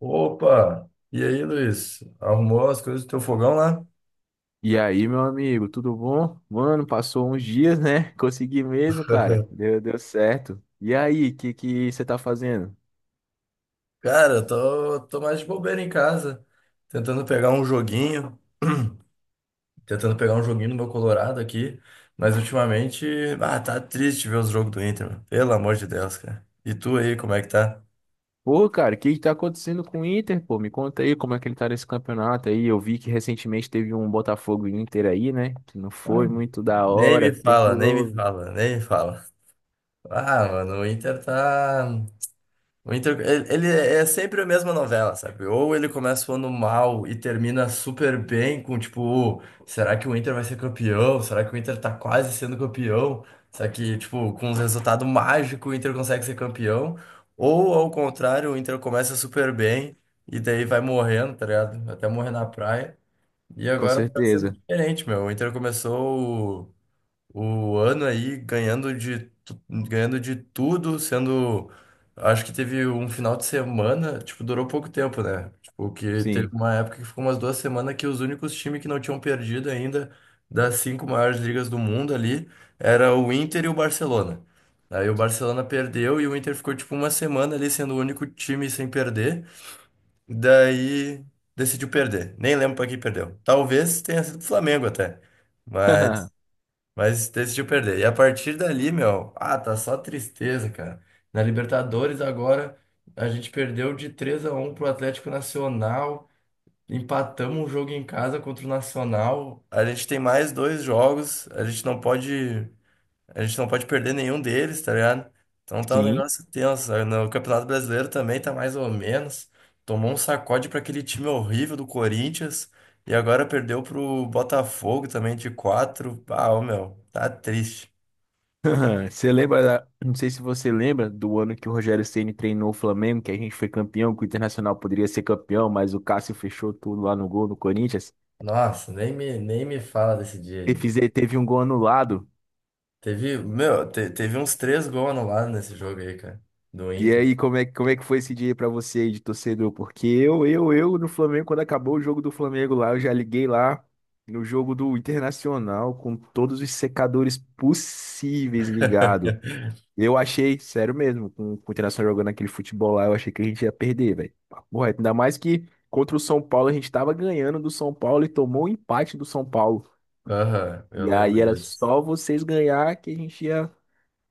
Opa! E aí, Luiz? Arrumou as coisas do teu fogão lá? E aí, meu amigo, tudo bom? Mano, passou uns dias, né? Consegui mesmo, cara. Deu certo. E aí, o que que você tá fazendo? Cara, eu tô mais de bobeira em casa, tentando pegar um joguinho, tentando pegar um joguinho no meu Colorado aqui, mas ultimamente, tá triste ver os jogos do Inter, mano. Pelo amor de Deus, cara. E tu aí, como é que tá? Pô, cara, o que que tá acontecendo com o Inter, pô? Me conta aí como é que ele tá nesse campeonato aí. Eu vi que recentemente teve um Botafogo e Inter aí, né? Que não Ah, foi muito da Nem hora. me O que que fala, nem me eu... fala, nem me fala. Ah, mano, o Inter tá. O Inter, ele é sempre a mesma novela, sabe? Ou ele começa o ano mal e termina super bem com tipo, "Oh, será que o Inter vai ser campeão? Será que o Inter tá quase sendo campeão? Será que, tipo, com um resultado mágico, o Inter consegue ser campeão. Ou, ao contrário, o Inter começa super bem e daí vai morrendo, tá ligado? Até morrer na praia. E Com agora tá sendo certeza. diferente, meu. O Inter começou o ano aí ganhando de, ganhando de tudo, sendo. Acho que teve um final de semana, tipo, durou pouco tempo, né? Tipo, que teve Sim. uma época que ficou umas duas semanas que os únicos times que não tinham perdido ainda das cinco maiores ligas do mundo ali era o Inter e o Barcelona. Aí o Barcelona perdeu e o Inter ficou tipo uma semana ali sendo o único time sem perder. Daí decidiu perder. Nem lembro pra quem perdeu. Talvez tenha sido o Flamengo até. Mas decidiu perder. E a partir dali, meu, tá só tristeza, cara. Na Libertadores agora a gente perdeu de 3 a um pro Atlético Nacional, empatamos um jogo em casa contra o Nacional. A gente tem mais dois jogos, a gente não pode perder nenhum deles, tá ligado? Então tá um Sim. negócio tenso. Sabe? No Campeonato Brasileiro também tá mais ou menos. Tomou um sacode pra aquele time horrível do Corinthians e agora perdeu pro Botafogo também de 4. Ah, ô, meu, tá triste. Você lembra, não sei se você lembra do ano que o Rogério Ceni treinou o Flamengo, que a gente foi campeão, que o Internacional poderia ser campeão, mas o Cássio fechou tudo lá no gol no Corinthians. Nossa, nem me fala desse dia aí. Teve um gol anulado. Teve, meu, teve uns três gols anulados nesse jogo aí, cara, do E Inter. aí, como é que foi esse dia aí pra você aí de torcedor? Porque eu no Flamengo, quando acabou o jogo do Flamengo lá, eu já liguei lá no jogo do Internacional com todos os secadores possíveis ligado. Eu achei, sério mesmo, com o Internacional jogando aquele futebol lá, eu achei que a gente ia perder, velho. Papo reto. Ainda mais que contra o São Paulo a gente tava ganhando do São Paulo e tomou o empate do São Paulo. Aham, eu E lembro aí era disso. só vocês ganhar que a gente ia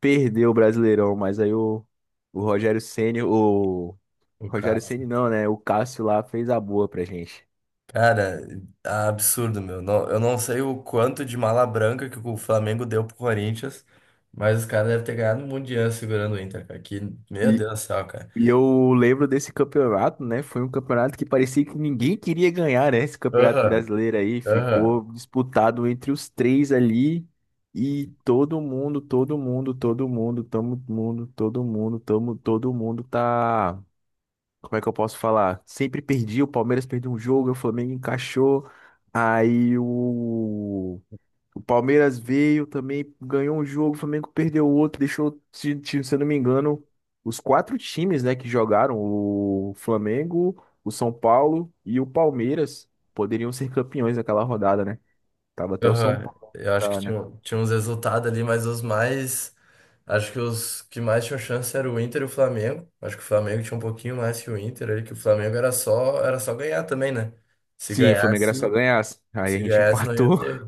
perder o Brasileirão. Mas aí o Rogério Ceni, o O Rogério caso. Ceni não, né? O Cássio lá fez a boa pra gente. Cara, absurdo, meu. Não- eu não sei o quanto de mala branca que o Flamengo deu pro Corinthians, mas os caras devem ter ganhado um mundial segurando o Inter, cara. Que, meu E Deus do céu, cara. E eu lembro desse campeonato, né? Foi um campeonato que parecia que ninguém queria ganhar, né? Esse campeonato Aham, brasileiro aí aham, ficou disputado entre os três ali e todo mundo tá. Como é que eu posso falar? Sempre perdi, o Palmeiras perdeu um jogo, o Flamengo encaixou, aí o Palmeiras veio também, ganhou um jogo, o Flamengo perdeu outro, deixou, se eu não me engano, os quatro times, né, que jogaram, o Flamengo, o São Paulo e o Palmeiras, poderiam ser campeões daquela rodada, né? Tava até o São aham. Paulo, Eu acho que tá, né? Tinha uns resultados ali, mas os mais. Acho que os que mais tinham chance era o Inter e o Flamengo. Acho que o Flamengo tinha um pouquinho mais que o Inter ali, que o Flamengo era só ganhar também, né? Se Sim, o Flamengo era só ganhasse, ganhar, aí a se gente ganhasse, não ia empatou. ter.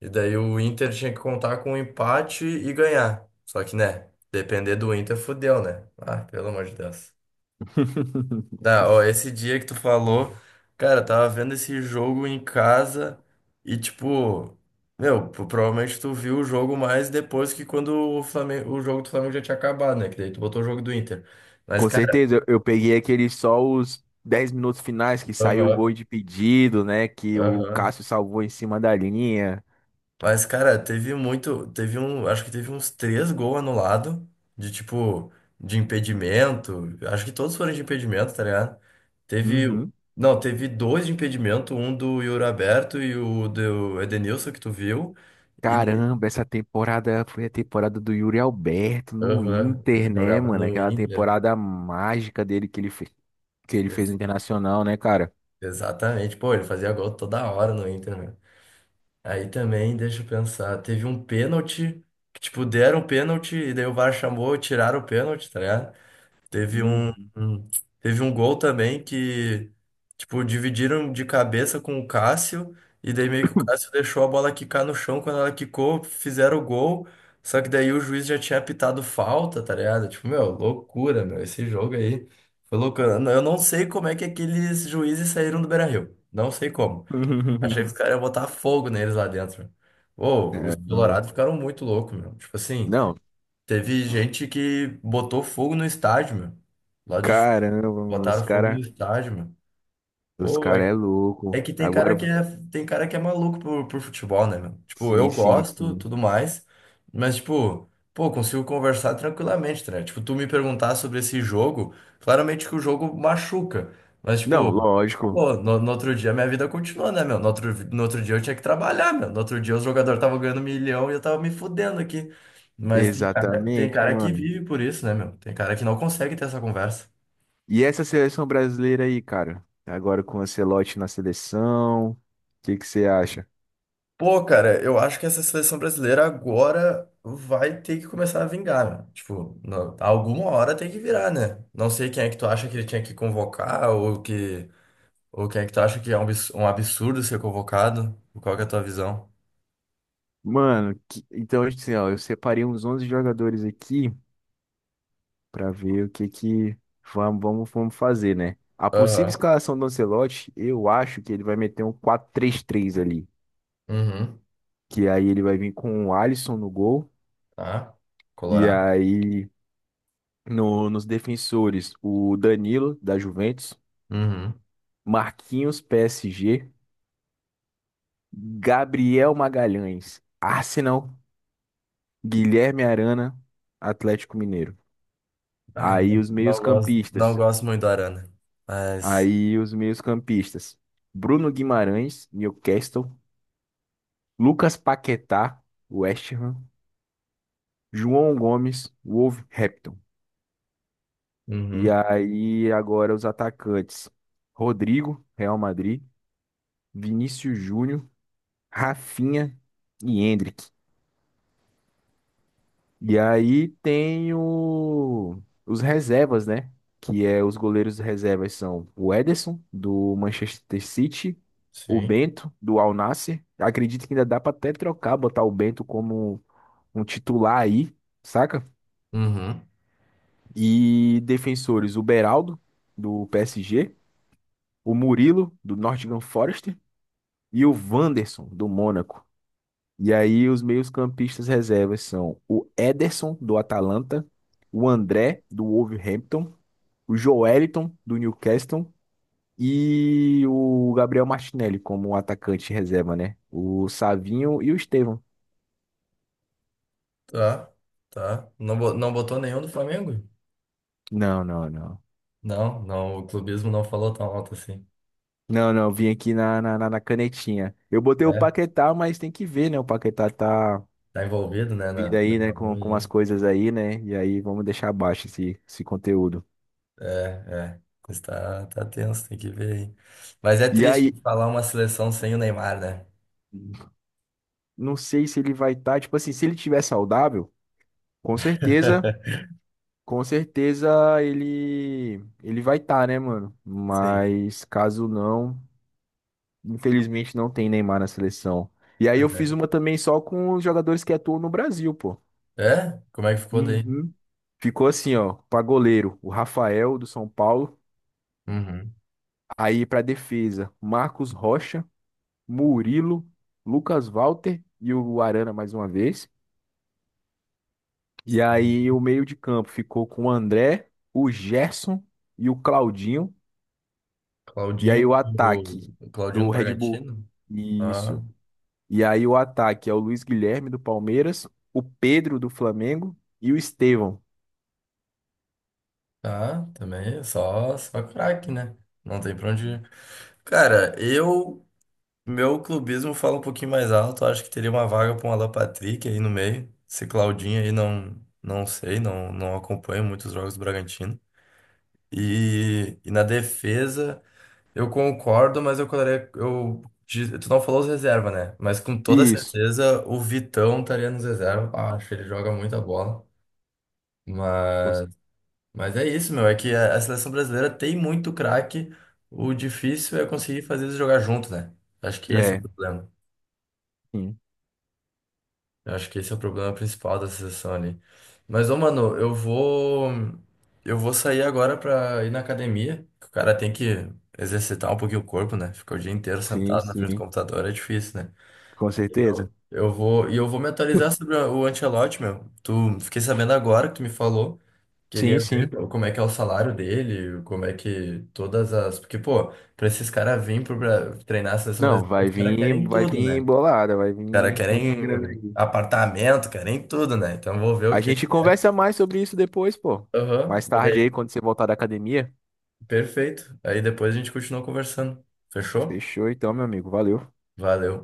E daí o Inter tinha que contar com um empate e ganhar. Só que, né, depender do Inter, fudeu, né? Ah, pelo amor de Deus. Dá, ó, esse dia que tu falou, cara, eu tava vendo esse jogo em casa e, tipo, meu, provavelmente tu viu o jogo mais depois que quando o Flamengo, o jogo do Flamengo já tinha acabado, né? Que daí tu botou o jogo do Inter. Mas, Com cara, certeza, eu peguei aqueles só os 10 minutos finais que saiu o gol aham, de pedido, né, que o aham. Cássio salvou em cima da linha. Mas, cara, teve muito. Teve um. Acho que teve uns três gols anulados. De tipo. De impedimento. Acho que todos foram de impedimento, tá ligado? Teve. Uhum. Não, teve dois de impedimento. Um do Yuri Alberto e o do Edenilson, que tu viu. E daí. Caramba, essa temporada foi a temporada do Yuri Alberto no Aham, ele Inter, né, jogava mano? no Aquela Inter. temporada mágica dele que ele fez Ex- no Internacional, né, cara? Exatamente. Pô, ele fazia gol toda hora no Inter, né? Aí também, deixa eu pensar. Teve um pênalti. Que, tipo, deram o pênalti. E daí o VAR chamou, tiraram o pênalti, tá ligado? Teve um, Uhum. um- Teve um gol também que, tipo, dividiram de cabeça com o Cássio, e daí meio que o Cássio deixou a bola quicar no chão, quando ela quicou, fizeram o gol, só que daí o juiz já tinha apitado falta, tá ligado? Tipo, meu, loucura, meu, esse jogo aí foi loucura. Eu não sei como é que aqueles juízes saíram do Beira-Rio, não sei como. Achei que os caras iam botar fogo neles lá dentro. Pô, os Caramba. colorados ficaram muito loucos, meu. Tipo assim... Não, Teve gente que botou fogo no estádio, meu. Lá de caramba, mano, os botaram fogo no cara, estádio, meu. os Pô, cara é é louco. que tem Agora, cara que é, tem cara que é maluco por futebol, né, meu? Tipo, eu sim, sim, gosto, sim. tudo mais, mas, tipo, pô, consigo conversar tranquilamente, né? Tipo, tu me perguntar sobre esse jogo, claramente que o jogo machuca, mas, Não, tipo, lógico. pô, no outro dia minha vida continuou, né, meu? No outro dia eu tinha que trabalhar, meu. No outro dia os jogadores estavam ganhando milhão e eu tava me fudendo aqui. Mas tem Exatamente, cara que mano. vive por isso, né, meu? Tem cara que não consegue ter essa conversa. E essa seleção brasileira aí, cara? Agora com o Ancelotti na seleção, o que que você acha? Pô, cara, eu acho que essa seleção brasileira agora vai ter que começar a vingar, né? Tipo, não- alguma hora tem que virar, né? Não sei quem é que tu acha que ele tinha que convocar ou que ou quem é que tu acha que é um um absurdo ser convocado. Qual que é a tua visão? Mano, então assim, ó, eu separei uns 11 jogadores aqui pra ver o que que vamos fazer, né? A possível Aham. escalação do Ancelotti, eu acho que ele vai meter um 4-3-3 ali, Uhum. que aí ele vai vir com o Alisson no gol Tá. e Colorado. aí nos defensores o Danilo da Juventus, Uhum. Marquinhos PSG, Gabriel Magalhães, Arsenal, Guilherme Arana, Atlético Mineiro. Ah, Aí os não gosto não meios-campistas gosto muito do Arana, mas Aí os meios-campistas: Bruno Guimarães, Newcastle, Lucas Paquetá, West Ham, João Gomes, Wolverhampton. E Uhum. aí agora os atacantes: Rodrigo, Real Madrid, Vinícius Júnior, Rafinha e Endrick. E aí tem os reservas, né? Que é os goleiros reservas são o Ederson, do Manchester City, o Sim. Bento, do Al Nassr. Acredito que ainda dá pra até trocar, botar o Bento como um titular aí, saca? Uhum. E defensores, o Beraldo, do PSG, o Murilo, do Nottingham Forest, e o Wanderson, do Mônaco. E aí os meios-campistas reservas são o Ederson, do Atalanta, o André, do Wolverhampton, o Joelinton, do Newcastle, e o Gabriel Martinelli como atacante reserva, né? O Savinho e o Estevão. Tá. Tá. Não, não botou nenhum do Flamengo? Não, não, não. Não, não, o clubismo não falou tão alto assim. Não, não, vim aqui na canetinha. Eu botei o É, Paquetá, mas tem que ver, né? O Paquetá tá tá envolvido, né, na vindo aí, coisa né? Com as ruim. coisas aí, né? E aí vamos deixar abaixo esse conteúdo. É, é. Mas tá, tá tenso, tem que ver aí. Mas é E triste aí. falar uma seleção sem o Neymar, né? Não sei se ele vai estar, tipo assim, se ele tiver saudável, com certeza, com certeza ele vai estar, né, mano? Sim. Mas caso não, infelizmente não tem Neymar na seleção. E aí eu Pois é. fiz uma também só com os jogadores que atuam no Brasil, pô. É? Como é que ficou daí? Uhum. Ficou assim, ó, pra goleiro, o Rafael do São Paulo, Uhum. aí pra defesa, Marcos Rocha, Murilo, Lucas Walter e o Arana mais uma vez. E aí o meio de campo ficou com o André, o Gerson e o Claudinho. E Claudinho aí o do, ataque Claudinho do do Red Bull. Bragantino? Ah, Isso. E aí o ataque é o Luiz Guilherme do Palmeiras, o Pedro do Flamengo e o Estevão. tá, também, é só, só craque, né? Não tem pra onde ir. Cara, eu meu clubismo fala um pouquinho mais alto. Acho que teria uma vaga para um Alan Patrick aí no meio. Esse Claudinho aí não, não sei, não, não acompanho muitos jogos do Bragantino. E na defesa, eu concordo, mas eu colocaria. Eu, tu não falou os reserva, né? Mas com toda Isso. certeza o Vitão estaria nos reserva. Ah, acho que ele joga muita bola. Você- Mas, mas é isso, meu. É que a seleção brasileira tem muito craque. O difícil é conseguir fazer eles jogar junto, né? Acho que esse é o É, problema. sim, Eu acho que esse é o problema principal da sessão ali. Mas, ô, mano, eu vou. Eu vou sair agora pra ir na academia. Que o cara tem que exercitar um pouquinho o corpo, né? Ficar o dia inteiro sim, sentado na frente do sim, computador é difícil, né? com certeza. Eu vou. E eu vou me atualizar sobre o Ancelotti, meu. Tu, fiquei sabendo agora que tu me falou. Sim, Queria ver sim. Como é que é o salário dele, como é que todas as. Porque, pô, pra esses caras virem treinar a seleção Não, brasileira, vai os caras vir, querem vai tudo, vir né? bolada, vai Cara, vir muita querem grana aí. apartamento, querem tudo, né? Então vou ver o A que. gente conversa mais sobre isso depois, pô. Aham, Mais olha tarde aí, aí. quando você voltar da academia. Perfeito. Aí depois a gente continua conversando. Fechou? Fechou então, meu amigo. Valeu. Valeu.